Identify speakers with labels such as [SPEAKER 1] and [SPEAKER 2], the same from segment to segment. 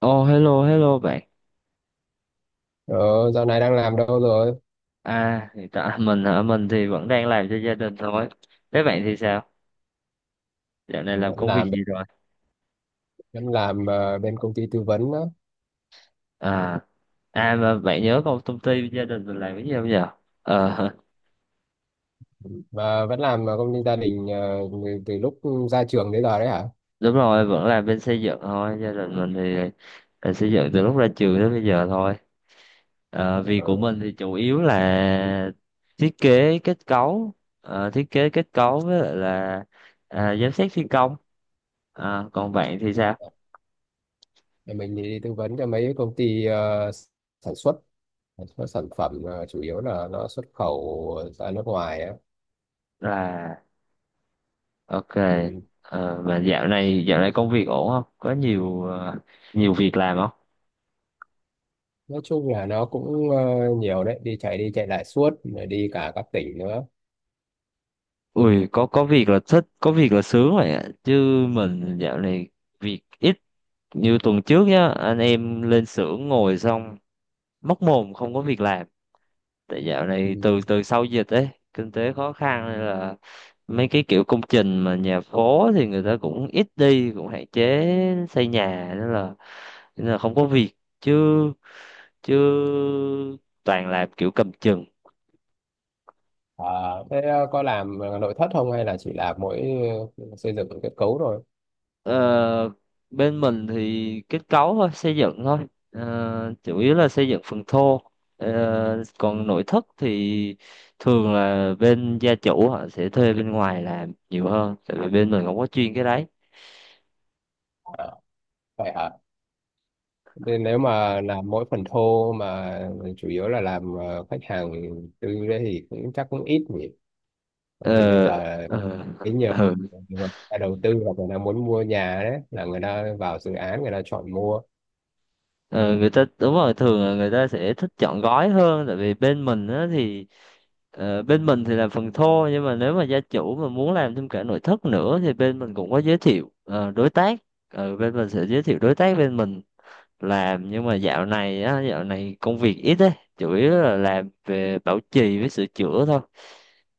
[SPEAKER 1] Oh, hello hello bạn.
[SPEAKER 2] Ờ, Dạo này đang làm đâu rồi?
[SPEAKER 1] À, hiện tại mình hả? Mình thì vẫn đang làm cho gia đình thôi. Thế bạn thì sao? Dạo này
[SPEAKER 2] Ừ.
[SPEAKER 1] làm
[SPEAKER 2] Vẫn
[SPEAKER 1] công việc
[SPEAKER 2] làm
[SPEAKER 1] gì rồi?
[SPEAKER 2] vẫn làm bên công ty tư vấn đó.
[SPEAKER 1] À à, mà bạn nhớ công công ty gia đình mình làm cái gì không giờ? Ờ.
[SPEAKER 2] Mà vẫn làm công ty gia đình từ từ lúc ra trường đến giờ đấy hả?
[SPEAKER 1] Đúng rồi, vẫn làm bên xây dựng thôi. Gia đình mình thì là xây dựng từ lúc ra trường đến bây giờ thôi. Ờ, việc
[SPEAKER 2] Ờ,
[SPEAKER 1] của mình thì chủ yếu là thiết kế kết cấu, thiết kế kết cấu với lại là giám sát thi công. À, còn bạn thì sao?
[SPEAKER 2] thì Mình đi tư vấn cho mấy công ty sản xuất sản xuất sản phẩm, chủ yếu là nó xuất khẩu ra nước ngoài á.
[SPEAKER 1] Là Ok,
[SPEAKER 2] Ừ.
[SPEAKER 1] mà dạo này công việc ổn không? Có nhiều việc làm không?
[SPEAKER 2] Nói chung là nó cũng nhiều đấy, đi chạy lại suốt, rồi đi cả các tỉnh nữa.
[SPEAKER 1] Ui, có việc là thích, có việc là sướng vậy ạ. Chứ mình dạo này việc ít như tuần trước nhá, anh em lên xưởng ngồi xong móc mồm không có việc làm. Tại dạo
[SPEAKER 2] Ừ.
[SPEAKER 1] này từ từ sau dịch ấy, kinh tế khó khăn nên là mấy cái kiểu công trình mà nhà phố thì người ta cũng ít đi, cũng hạn chế xây nhà nên là không có việc, chứ chứ toàn làm kiểu cầm chừng.
[SPEAKER 2] À, thế có làm nội thất không hay là chỉ làm mỗi xây dựng kết cấu thôi?
[SPEAKER 1] Ờ, bên mình thì kết cấu thôi, xây dựng thôi. Ờ, chủ yếu là xây dựng phần thô. Ờ, còn nội thất thì thường là bên gia chủ họ sẽ thuê bên ngoài làm nhiều hơn, tại vì bên mình không có chuyên cái đấy.
[SPEAKER 2] À, vậy hả? Nên nếu mà làm mỗi phần thô mà chủ yếu là làm khách hàng tư đấy thì cũng chắc cũng ít nhỉ. Bởi vì bây
[SPEAKER 1] Ờ,
[SPEAKER 2] giờ
[SPEAKER 1] ờ,
[SPEAKER 2] cái nhiều
[SPEAKER 1] ừ.
[SPEAKER 2] người ta đầu tư hoặc người ta muốn mua nhà đấy, là người ta vào dự án người ta chọn mua.
[SPEAKER 1] Ờ, người ta đúng rồi, thường là người ta sẽ thích chọn gói hơn, tại vì bên mình thì làm phần thô, nhưng mà nếu mà gia chủ mà muốn làm thêm cả nội thất nữa thì bên mình cũng có giới thiệu đối tác. Ờ, bên mình sẽ giới thiệu đối tác bên mình làm, nhưng mà dạo này công việc ít ấy, chủ yếu là làm về bảo trì với sửa chữa thôi.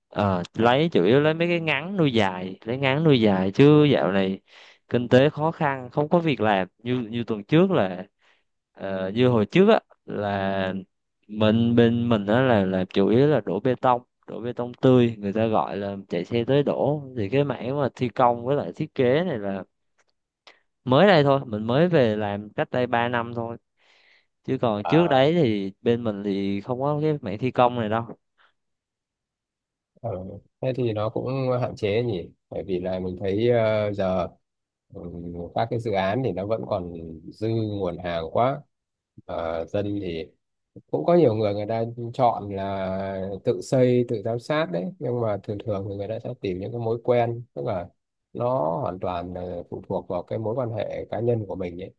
[SPEAKER 1] Ờ, chủ yếu lấy mấy cái ngắn nuôi dài, lấy ngắn nuôi dài, chứ dạo này kinh tế khó khăn không có việc làm, như như tuần trước là như hồi trước á, là bên mình á là chủ yếu là đổ bê tông, đổ bê tông tươi người ta gọi là, chạy xe tới đổ. Thì cái mảng mà thi công với lại thiết kế này là mới đây thôi, mình mới về làm cách đây 3 năm thôi, chứ còn trước đấy thì bên mình thì không có cái mảng thi công này đâu.
[SPEAKER 2] Ờ, thế thì nó cũng hạn chế nhỉ, bởi vì là mình thấy giờ ừ, các cái dự án thì nó vẫn còn dư nguồn hàng quá. Ờ, dân thì cũng có nhiều người người ta chọn là tự xây tự giám sát đấy, nhưng mà thường thường thì người ta sẽ tìm những cái mối quen, tức là nó hoàn toàn là phụ thuộc vào cái mối quan hệ cá nhân của mình ấy,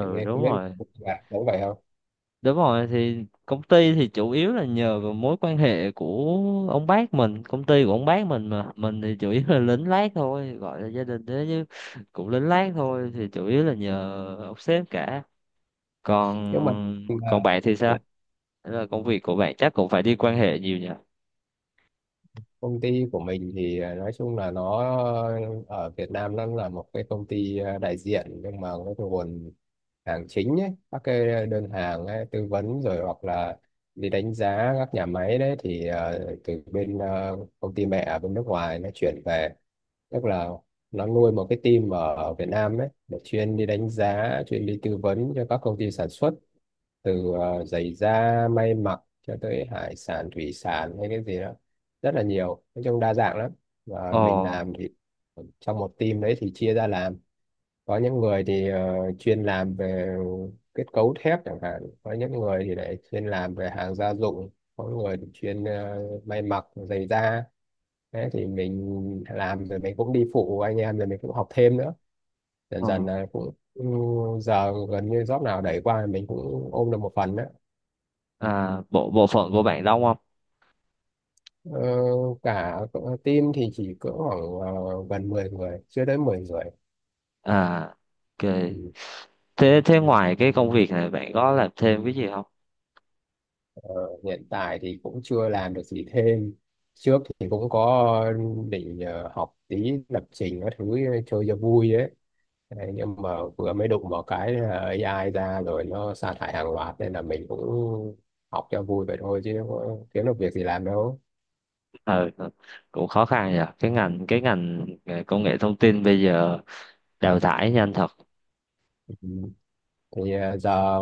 [SPEAKER 2] thì mình
[SPEAKER 1] đúng
[SPEAKER 2] không biết
[SPEAKER 1] rồi.
[SPEAKER 2] là có vậy không.
[SPEAKER 1] Đúng rồi, thì công ty thì chủ yếu là nhờ vào mối quan hệ của ông bác mình, công ty của ông bác mình, mà mình thì chủ yếu là lính lác thôi, gọi là gia đình thế chứ cũng lính lác thôi, thì chủ yếu là nhờ ông sếp cả.
[SPEAKER 2] Nhưng mà
[SPEAKER 1] Còn còn bạn thì sao?
[SPEAKER 2] là,
[SPEAKER 1] Thế là công việc của bạn chắc cũng phải đi quan hệ nhiều nhỉ?
[SPEAKER 2] công ty của mình thì nói chung là nó ở Việt Nam nó là một cái công ty đại diện, nhưng mà cái nguồn hàng chính ấy, các cái đơn hàng ấy, tư vấn rồi hoặc là đi đánh giá các nhà máy đấy thì từ bên công ty mẹ ở bên nước ngoài nó chuyển về. Tức là nó nuôi một cái team ở ở Việt Nam ấy để chuyên đi đánh giá, chuyên đi tư vấn cho các công ty sản xuất, từ giày da may mặc cho tới hải sản thủy sản hay cái gì đó, rất là nhiều, nói chung đa dạng lắm. Và
[SPEAKER 1] Ồ,
[SPEAKER 2] mình làm thì trong một team đấy thì chia ra làm có những người thì chuyên làm về kết cấu thép chẳng hạn, có những người thì lại chuyên làm về hàng gia dụng, có người thì chuyên may mặc giày da. Thế thì mình làm rồi mình cũng đi phụ anh em, rồi mình cũng học thêm nữa, dần
[SPEAKER 1] ồ.
[SPEAKER 2] dần là cũng giờ gần như job nào đẩy qua mình cũng ôm được một phần đó.
[SPEAKER 1] À, bộ bộ phận của bạn đông không?
[SPEAKER 2] Ờ, cả team thì chỉ cỡ khoảng gần 10 người, chưa đến 10 người.
[SPEAKER 1] À, ok.
[SPEAKER 2] Ừ.
[SPEAKER 1] Thế thế ngoài cái công việc này bạn có làm thêm cái gì không?
[SPEAKER 2] Hiện tại thì cũng chưa làm được gì thêm, trước thì cũng có định học tí lập trình các thứ, chơi cho vui ấy. Đấy, nhưng mà vừa mới đụng vào cái là AI ra rồi nó sa thải hàng loạt, nên là mình cũng học cho vui vậy thôi chứ có kiếm được việc gì làm đâu.
[SPEAKER 1] Ờ, ờ, cũng khó khăn nhỉ, cái ngành công nghệ thông tin bây giờ đào thải nhanh thật.
[SPEAKER 2] Ừ. Thì giờ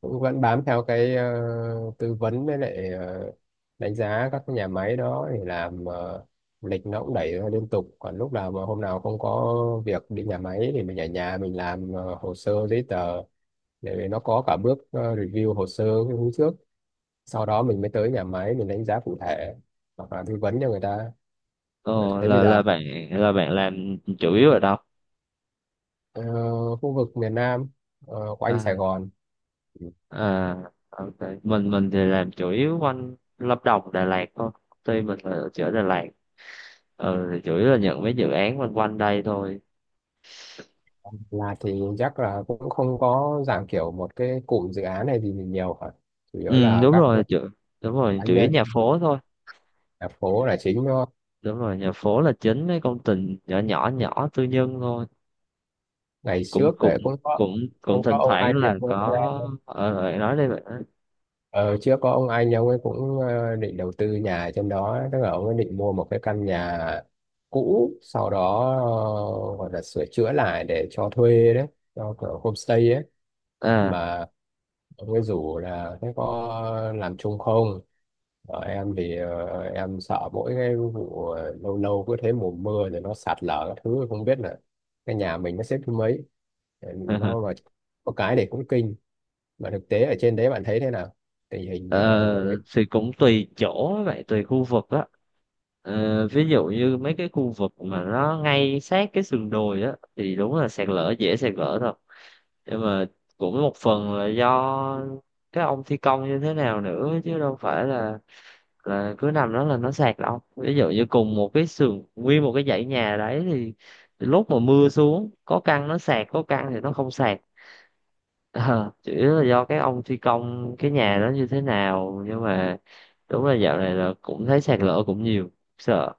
[SPEAKER 2] cũng vẫn bám theo cái tư vấn với lại đánh giá các cái nhà máy đó, thì làm lịch nó cũng đẩy ra liên tục, còn lúc nào mà hôm nào không có việc đi nhà máy thì mình ở nhà mình làm hồ sơ giấy tờ, để nó có cả bước review hồ sơ cái hôm trước, sau đó mình mới tới nhà máy mình đánh giá cụ thể hoặc là tư vấn cho người ta. Mà
[SPEAKER 1] Ồ,
[SPEAKER 2] thấy bây giờ
[SPEAKER 1] là bạn làm chủ yếu ở đâu?
[SPEAKER 2] ờ, khu vực miền Nam của anh
[SPEAKER 1] à,
[SPEAKER 2] Sài Gòn
[SPEAKER 1] à ok. Mình thì làm chủ yếu quanh Lâm Đồng, Đà Lạt thôi, tuy mình là ở chỗ Đà Lạt. Ừ, thì chủ yếu là nhận mấy dự án quanh quanh đây thôi.
[SPEAKER 2] là thì chắc là cũng không có dạng kiểu một cái cụm dự án này gì nhiều cả, chủ yếu
[SPEAKER 1] Ừ,
[SPEAKER 2] là
[SPEAKER 1] đúng
[SPEAKER 2] các
[SPEAKER 1] rồi, đúng rồi
[SPEAKER 2] cá
[SPEAKER 1] chủ yếu
[SPEAKER 2] nhân
[SPEAKER 1] nhà phố thôi.
[SPEAKER 2] ở phố là chính thôi.
[SPEAKER 1] Đúng rồi, nhà phố là chính, mấy công trình nhỏ nhỏ nhỏ tư nhân thôi.
[SPEAKER 2] Ngày
[SPEAKER 1] cũng
[SPEAKER 2] trước
[SPEAKER 1] cũng
[SPEAKER 2] ấy cũng có,
[SPEAKER 1] cũng cũng
[SPEAKER 2] cũng có
[SPEAKER 1] thỉnh
[SPEAKER 2] ông
[SPEAKER 1] thoảng
[SPEAKER 2] anh,
[SPEAKER 1] là có. Nói đây vậy đó.
[SPEAKER 2] ờ, trước có ông anh ông ấy cũng định đầu tư nhà ở trên đó, tức là ông ấy định mua một cái căn nhà cũ, sau đó gọi là sửa chữa lại để cho thuê đấy, cho kiểu homestay ấy.
[SPEAKER 1] À.
[SPEAKER 2] Mà ông ấy rủ là thế có làm chung không. Ở em thì em sợ mỗi cái vụ lâu lâu cứ thế mùa mưa rồi nó sạt lở các thứ, không biết là cái nhà mình nó xếp thứ mấy. Ờ, nó mà có cái để cũng kinh. Mà thực tế ở trên đấy bạn thấy thế nào, tình hình?
[SPEAKER 1] ờ, thì cũng tùy chỗ vậy, tùy khu vực á. Ờ, ví dụ như mấy cái khu vực mà nó ngay sát cái sườn đồi á thì đúng là sạt lở, dễ sạt lở thật, nhưng mà cũng một phần là do cái ông thi công như thế nào nữa, chứ đâu phải là cứ nằm đó là nó sạt đâu. Ví dụ như cùng một cái sườn, nguyên một cái dãy nhà đấy thì lúc mà mưa xuống có căn nó sạt, có căn thì nó không sạt. Ờ, chủ yếu là do cái ông thi công cái nhà đó như thế nào, nhưng mà đúng là dạo này là cũng thấy sạt lở cũng nhiều, sợ.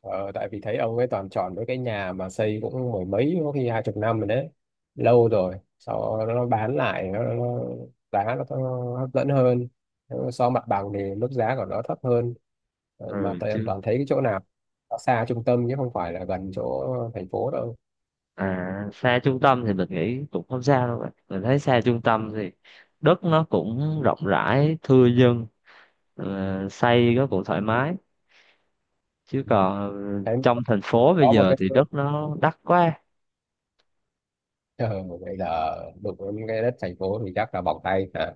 [SPEAKER 2] Ờ, tại vì thấy ông ấy toàn chọn với cái nhà mà xây cũng mười mấy có khi 20 năm rồi đấy, lâu rồi sau đó nó bán lại giá nó hấp dẫn hơn. Nếu so mặt bằng thì mức giá của nó thấp hơn. Ờ, mà
[SPEAKER 1] Ừ,
[SPEAKER 2] tại em
[SPEAKER 1] chứ
[SPEAKER 2] toàn thấy cái chỗ nào nó xa trung tâm chứ không phải là gần chỗ thành phố đâu.
[SPEAKER 1] à, xa trung tâm thì mình nghĩ cũng không sao đâu bạn, mình thấy xa trung tâm thì đất nó cũng rộng rãi, thưa dân, ờ, xây nó cũng thoải mái, chứ còn
[SPEAKER 2] Thấy
[SPEAKER 1] trong thành phố bây
[SPEAKER 2] có một
[SPEAKER 1] giờ
[SPEAKER 2] cái
[SPEAKER 1] thì đất nó đắt quá.
[SPEAKER 2] ờ, bây giờ đụng đến cái đất thành phố thì chắc là bỏng tay hả.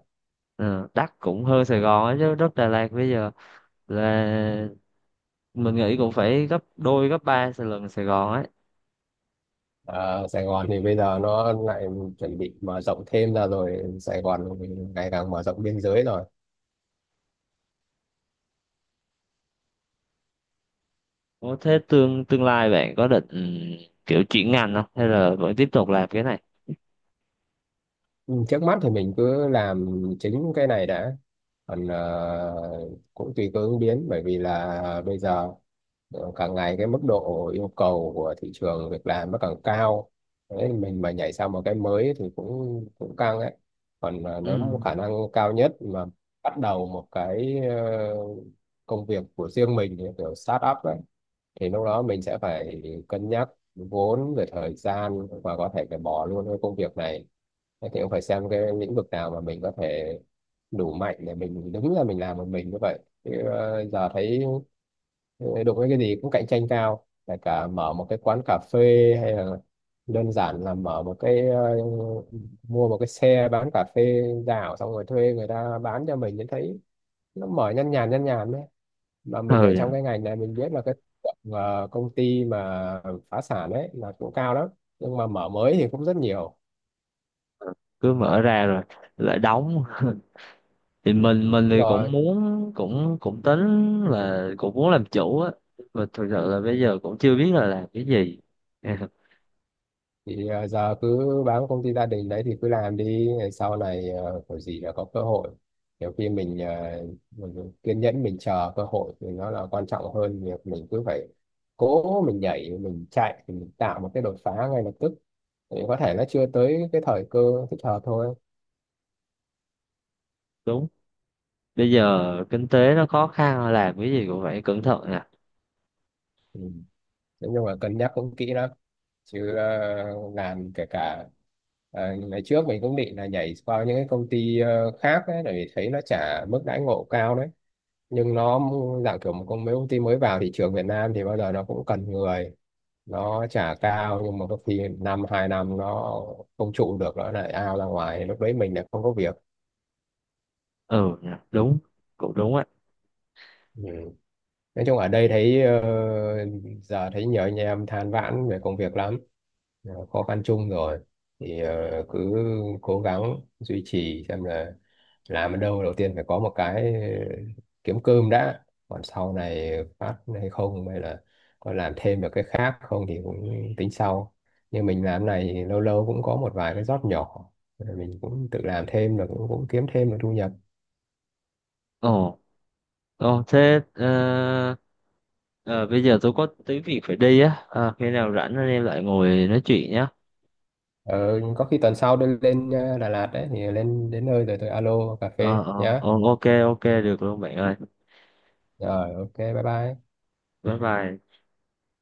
[SPEAKER 1] Ờ, đắt cũng hơn Sài Gòn ấy chứ, đất Đà Lạt bây giờ là mình nghĩ cũng phải gấp đôi gấp ba lần Sài Gòn ấy.
[SPEAKER 2] Ờ, Sài Gòn thì bây giờ nó lại chuẩn bị mở rộng thêm ra rồi, Sài Gòn ngày càng mở rộng biên giới rồi.
[SPEAKER 1] Có thế tương tương lai bạn có định kiểu chuyển ngành không hay là vẫn tiếp tục làm cái này?
[SPEAKER 2] Ừ, trước mắt thì mình cứ làm chính cái này đã, còn cũng tùy cơ ứng biến, bởi vì là bây giờ càng ngày cái mức độ yêu cầu của thị trường việc làm nó càng cao. Đấy, mình mà nhảy sang một cái mới thì cũng cũng căng ấy. Còn nếu mà
[SPEAKER 1] Ừ.
[SPEAKER 2] khả năng cao nhất mà bắt đầu một cái công việc của riêng mình như kiểu start up ấy thì lúc đó mình sẽ phải cân nhắc vốn, về thời gian, và có thể phải bỏ luôn cái công việc này. Thế thì cũng phải xem cái lĩnh vực nào mà mình có thể đủ mạnh để mình đứng ra mình làm một mình như vậy. Chứ giờ thấy đụng với cái gì cũng cạnh tranh cao, kể cả mở một cái quán cà phê, hay là đơn giản là mở một cái, mua một cái xe bán cà phê dạo xong rồi thuê người ta bán cho mình, thì thấy nó mở nhăn nhàn đấy. Mà mình ở trong
[SPEAKER 1] Ừ,
[SPEAKER 2] cái ngành này mình biết là cái tượng, công ty mà phá sản ấy là cũng cao lắm, nhưng mà mở mới thì cũng rất nhiều.
[SPEAKER 1] cứ mở ra rồi lại đóng. Thì mình
[SPEAKER 2] Đúng
[SPEAKER 1] thì cũng
[SPEAKER 2] rồi.
[SPEAKER 1] muốn, cũng cũng tính là cũng muốn làm chủ á, mà thực sự là bây giờ cũng chưa biết là làm cái gì.
[SPEAKER 2] Thì giờ cứ bám công ty gia đình đấy thì cứ làm đi, sau này có gì là có cơ hội. Nhiều khi mình kiên nhẫn mình chờ cơ hội thì nó là quan trọng hơn việc mình cứ phải cố mình nhảy mình chạy mình tạo một cái đột phá ngay lập tức, thì có thể nó chưa tới cái thời cơ thích hợp thôi.
[SPEAKER 1] Đúng, bây giờ kinh tế nó khó khăn làm cái gì cũng phải cẩn thận nè.
[SPEAKER 2] Ừ. Nói nhưng mà cân nhắc cũng kỹ lắm, chứ làm kể cả ngày trước mình cũng định là nhảy qua những cái công ty khác ấy, bởi vì thấy nó trả mức đãi ngộ cao đấy. Nhưng nó dạng kiểu một công, mấy công ty mới vào thị trường Việt Nam thì bao giờ nó cũng cần người, nó trả cao, nhưng mà có khi năm 2 năm nó không trụ được nó lại out ra ngoài, lúc đấy mình lại không có việc.
[SPEAKER 1] Ừ nè, đúng, cũng đúng á.
[SPEAKER 2] Ừ. Nói chung ở đây thấy giờ thấy nhiều anh em than vãn về công việc lắm, là khó khăn chung rồi. Thì cứ cố gắng duy trì xem là làm ở đâu đầu tiên phải có một cái kiếm cơm đã, còn sau này phát hay không, hay là có làm thêm được cái khác không thì cũng tính sau. Như mình làm này thì lâu lâu cũng có một vài cái job nhỏ, rồi mình cũng tự làm thêm được, cũng kiếm thêm được thu nhập.
[SPEAKER 1] Ồ, ồ, thế ờ, bây giờ tôi có tí việc phải đi á. Ờ, khi nào rảnh anh em lại ngồi nói chuyện nhé.
[SPEAKER 2] Ờ, có khi tuần sau tôi lên Đà Lạt đấy, thì lên đến nơi rồi tôi alo cà phê
[SPEAKER 1] Ờ, ờ,
[SPEAKER 2] nhá.
[SPEAKER 1] ờ, ok ok, được luôn bạn ơi.
[SPEAKER 2] Rồi, ok, bye bye.
[SPEAKER 1] Bye bye.